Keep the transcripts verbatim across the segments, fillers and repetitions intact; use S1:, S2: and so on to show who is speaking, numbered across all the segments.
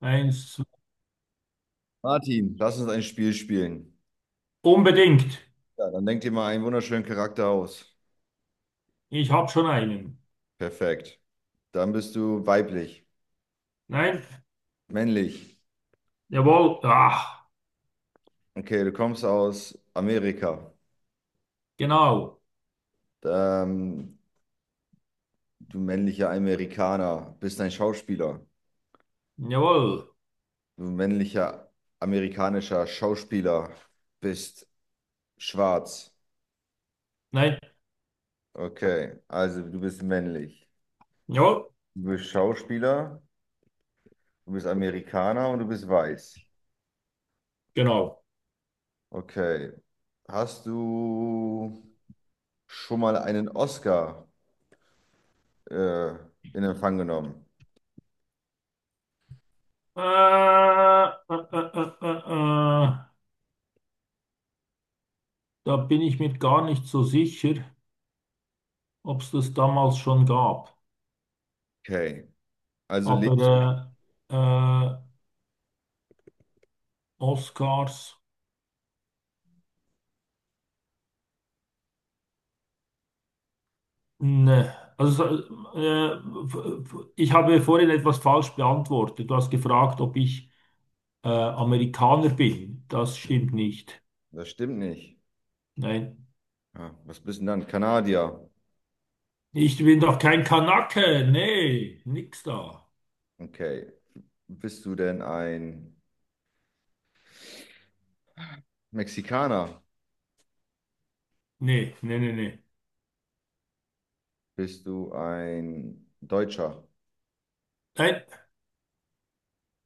S1: Eins, zwei.
S2: Martin, lass uns ein Spiel spielen.
S1: Unbedingt.
S2: Ja, dann denk dir mal einen wunderschönen Charakter aus.
S1: Ich habe schon einen.
S2: Perfekt. Dann bist du weiblich,
S1: Nein.
S2: männlich.
S1: Jawohl. Ah,
S2: Okay, du kommst aus Amerika.
S1: genau.
S2: Ähm, Du männlicher Amerikaner, bist ein Schauspieler.
S1: Jawohl.
S2: Du männlicher amerikanischer Schauspieler, bist schwarz.
S1: Nein.
S2: Okay, also du bist männlich.
S1: Jawohl.
S2: Du bist Schauspieler, du bist Amerikaner und du bist weiß.
S1: Genau.
S2: Okay. Hast du schon mal einen Oscar äh, in Empfang genommen?
S1: Äh, äh, äh, äh, äh. äh. Da bin ich mir gar nicht so sicher, ob es das damals schon gab.
S2: Okay. Also lebst du?
S1: Aber äh, äh, Oscars, ne. Also, so, äh, f- f- ich habe vorhin etwas falsch beantwortet. Du hast gefragt, ob ich äh, Amerikaner bin. Das stimmt nicht.
S2: Das stimmt nicht.
S1: Nein.
S2: Ah, was bist du denn dann? Kanadier.
S1: Ich bin doch kein Kanake. Nee, nix da.
S2: Okay. Bist du denn ein Mexikaner?
S1: Nee, nee, nee, nee.
S2: Bist du ein Deutscher?
S1: Nein,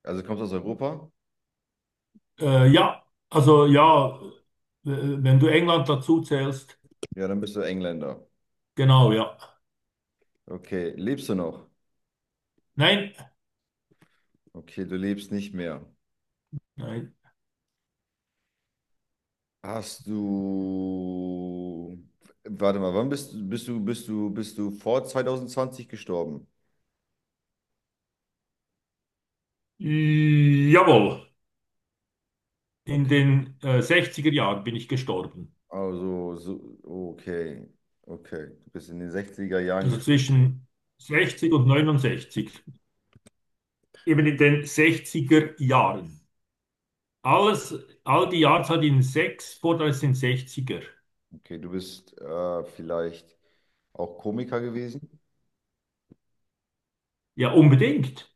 S2: Also kommst du aus Europa?
S1: äh, ja, also ja, äh, wenn du England dazu zählst,
S2: Ja, dann bist du Engländer.
S1: genau, ja.
S2: Okay. Lebst du noch?
S1: Nein,
S2: Okay, du lebst nicht mehr.
S1: nein.
S2: Hast du, warte mal, wann bist du, bist du, bist du, bist du vor zwanzig zwanzig gestorben?
S1: Jawohl, in
S2: Okay,
S1: den äh, sechziger Jahren bin ich gestorben.
S2: also, so, okay, okay, du bist in den sechziger Jahren
S1: Also
S2: gestorben.
S1: zwischen sechzig und neunundsechzig. Eben in den sechziger Jahren. Alles, all die Jahreszahl in sechs, vor, das sind sechziger.
S2: Okay, du bist äh, vielleicht auch Komiker gewesen?
S1: Ja, unbedingt.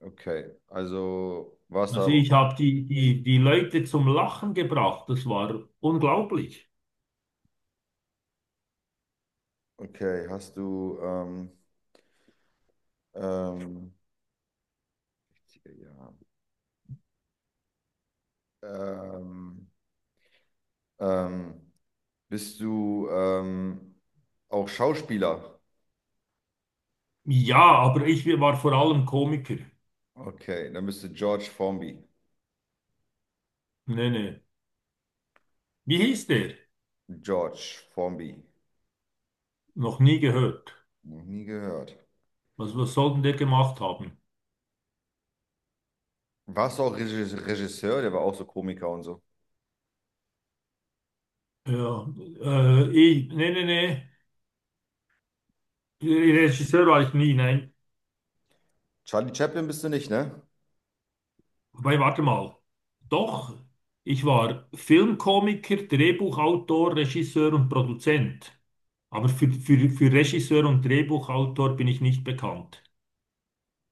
S2: Okay, also, warst
S1: Also
S2: da,
S1: ich habe die, die, die Leute zum Lachen gebracht. Das war unglaublich.
S2: okay, hast du, ähm, ähm, sechzig Jahre. Ähm, ähm, bist du ähm, auch Schauspieler?
S1: Ja, aber ich war vor allem Komiker.
S2: Okay, dann bist du George Formby.
S1: Nee, nee. Wie hieß der?
S2: George Formby.
S1: Noch nie gehört.
S2: Noch nie gehört.
S1: Was, was soll denn der gemacht haben?
S2: Warst du auch Regis- Regisseur? Der war auch so Komiker und so.
S1: Ja, äh, ich, nee, nee, nee. Regisseur war ich nie, nein.
S2: Charlie Chaplin bist du nicht, ne?
S1: Wobei, warte mal. Doch, ich war Filmkomiker, Drehbuchautor, Regisseur und Produzent. Aber für, für, für Regisseur und Drehbuchautor bin ich nicht bekannt.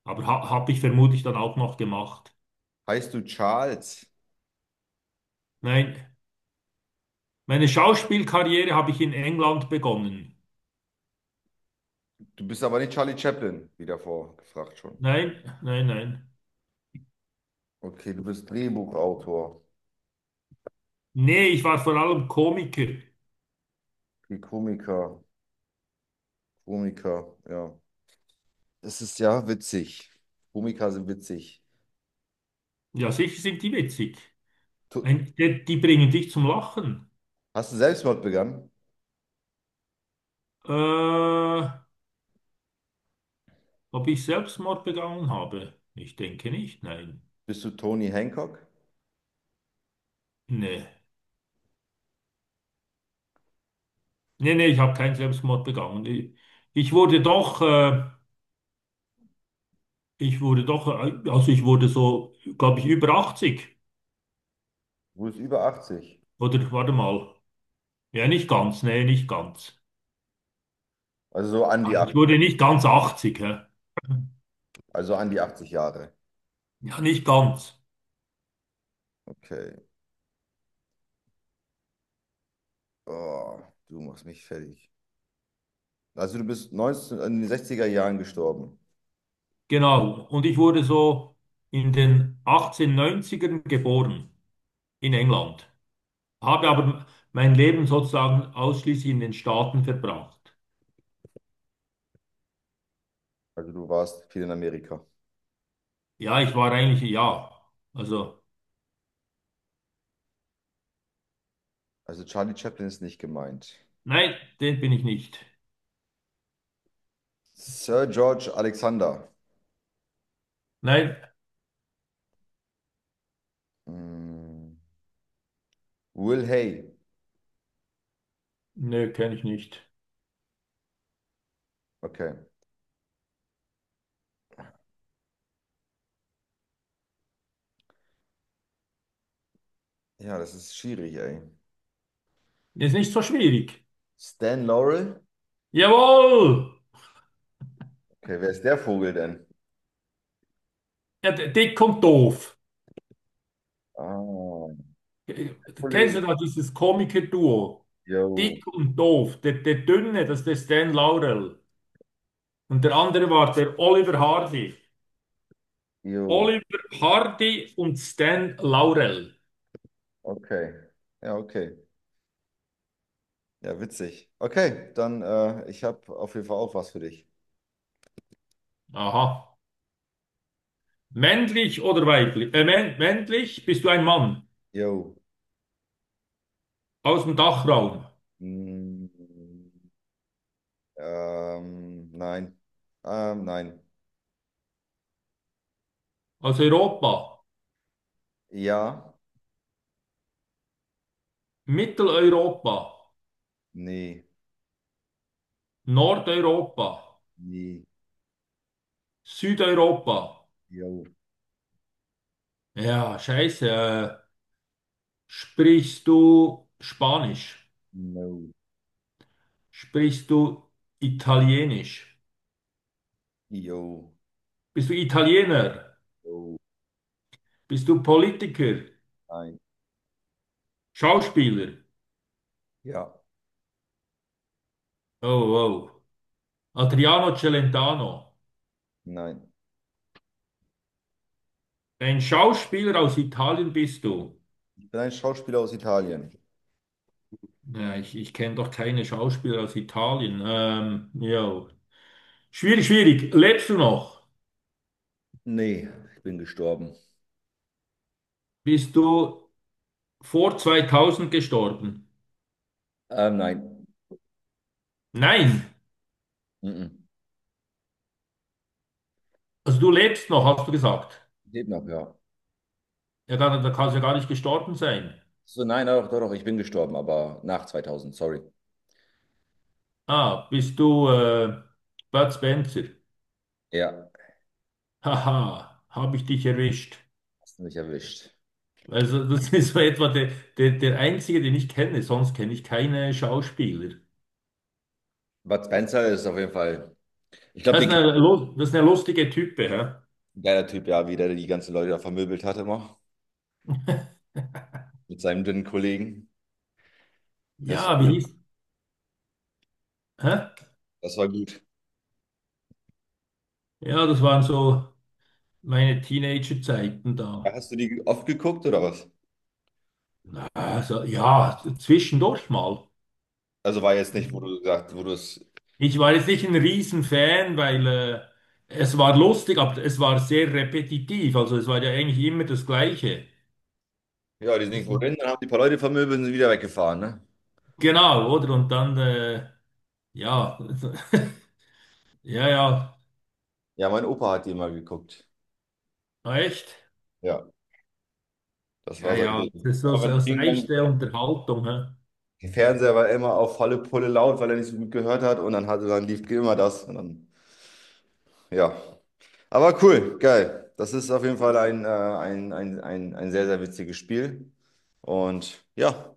S1: Aber ha habe ich vermutlich dann auch noch gemacht.
S2: Heißt du Charles?
S1: Nein, meine Schauspielkarriere habe ich in England begonnen.
S2: Du bist aber nicht Charlie Chaplin, wie davor gefragt schon.
S1: Nein, nein, nein.
S2: Okay, du bist Drehbuchautor.
S1: Nee, ich war vor allem Komiker.
S2: Okay, Komiker. Komiker, ja. Das ist ja witzig. Komiker sind witzig.
S1: Ja, sicher sind die witzig.
S2: Tu-
S1: Ein, die, die bringen dich zum Lachen.
S2: Hast du Selbstmord begangen?
S1: Äh, Ob ich Selbstmord begangen habe? Ich denke nicht, nein.
S2: Bist du Tony Hancock?
S1: Nee, nee, nee, ich habe keinen Selbstmord begangen. Ich, ich wurde doch, äh, ich wurde doch, äh, also ich wurde so, glaube ich, über achtzig.
S2: Du bist über achtzig.
S1: Oder warte mal. Ja, nicht ganz, nee, nicht ganz.
S2: Also so an die
S1: Also Ich
S2: achtzig,
S1: wurde nicht ganz achtzig, hä?
S2: also an die achtzig Jahre.
S1: Ja, nicht ganz.
S2: Okay. Oh, du machst mich fertig. Also du bist neunzehn, in den sechziger Jahren gestorben.
S1: Genau. Und ich wurde so in den achtzehnhundertneunzigern geboren in England. Habe aber mein Leben sozusagen ausschließlich in den Staaten verbracht.
S2: Also du warst viel in Amerika.
S1: Ja, ich war eigentlich, ja. Also,
S2: Also Charlie Chaplin ist nicht gemeint.
S1: nein, den bin ich nicht.
S2: Sir George Alexander.
S1: Nein,
S2: Mm, Will Hay.
S1: nö, kenne ich nicht.
S2: Okay. Ja, das ist schwierig, ey.
S1: Ist nicht so schwierig.
S2: Stan Laurel.
S1: Jawohl!
S2: Okay, wer ist der Vogel denn?
S1: Ja, d- dick und doof.
S2: Ah, Kollege.
S1: Kennst du da dieses Komiker-Duo?
S2: Jo,
S1: Dick und Doof. Der, der Dünne, das ist der Stan Laurel. Und der andere war der Oliver Hardy.
S2: jo.
S1: Oliver Hardy und Stan Laurel.
S2: Okay. Ja, okay. Ja, witzig. Okay, dann äh, ich habe auf jeden Fall auch was für dich.
S1: Aha. Männlich oder weiblich? Äh, män- männlich bist du ein Mann.
S2: Jo.
S1: Aus dem Dachraum.
S2: Mm. Ähm, nein. Ähm, nein.
S1: Aus Europa.
S2: Ja.
S1: Mitteleuropa.
S2: Nee.
S1: Nordeuropa.
S2: Nee.
S1: Südeuropa.
S2: Jo,
S1: Ja, scheiße. Äh, sprichst du Spanisch?
S2: no.
S1: Sprichst du Italienisch?
S2: Jo,
S1: Bist du Italiener?
S2: jo,
S1: Bist du Politiker?
S2: nein.
S1: Schauspieler?
S2: Ja.
S1: Oh, wow. Adriano Celentano.
S2: Nein.
S1: Ein Schauspieler aus Italien bist du.
S2: Ich bin ein Schauspieler aus Italien.
S1: Ja, ich ich kenne doch keine Schauspieler aus Italien. Ähm, ja. Schwierig, schwierig. Lebst du noch?
S2: Nee. Ich bin gestorben.
S1: Bist du vor zweitausend gestorben?
S2: Ähm, nein.
S1: Nein.
S2: Mhm.
S1: Also du lebst noch, hast du gesagt.
S2: Lebt noch, ja.
S1: Ja, dann, dann kannst du ja gar nicht gestorben sein.
S2: So, nein, doch, doch, doch. Ich bin gestorben, aber nach zweitausend. Sorry.
S1: Ah, bist du äh, Bud Spencer?
S2: Ja.
S1: Haha, habe ich dich erwischt.
S2: Hast du mich erwischt.
S1: Also das ist so etwa der, der, der einzige, den ich kenne. Sonst kenne ich keine Schauspieler.
S2: Bud Spencer ist auf jeden Fall. Ich glaube,
S1: Das
S2: den
S1: ist
S2: kennt
S1: eine, lu- das ist eine lustige Type, hä?
S2: ein geiler Typ, ja, wie der die ganzen Leute da vermöbelt hat immer. Mit seinem dünnen Kollegen. Das war
S1: Ja, wie
S2: gut.
S1: hieß? Hä?
S2: Das war gut.
S1: Ja, das waren so meine Teenagerzeiten
S2: Ja,
S1: da.
S2: hast du die oft geguckt oder was?
S1: Also ja, zwischendurch mal.
S2: Also war jetzt nicht, wo du gesagt, wo du es.
S1: Ich war jetzt nicht ein Riesenfan, weil äh, es war lustig, aber es war sehr repetitiv. Also es war ja eigentlich immer das Gleiche.
S2: Ja, die sind
S1: Das,
S2: irgendwo hin, dann haben die paar Leute vermöbelt und sind wieder weggefahren, ne?
S1: genau, oder? Und dann äh, ja, ja, ja,
S2: Ja, mein Opa hat die immer geguckt.
S1: ah, echt?
S2: Ja, das
S1: Ja,
S2: war sein
S1: ja,
S2: Ding.
S1: das ist so,
S2: Immer
S1: so
S2: wenn ich
S1: das Reich
S2: hingegangen bin.
S1: der Unterhaltung. Hä?
S2: Der Fernseher war immer auf volle Pulle laut, weil er nicht so gut gehört hat und dann hatte dann lief immer das. Und dann, ja. Aber cool, geil. Das ist auf jeden Fall ein, äh, ein, ein, ein, ein sehr, sehr witziges Spiel. Und ja.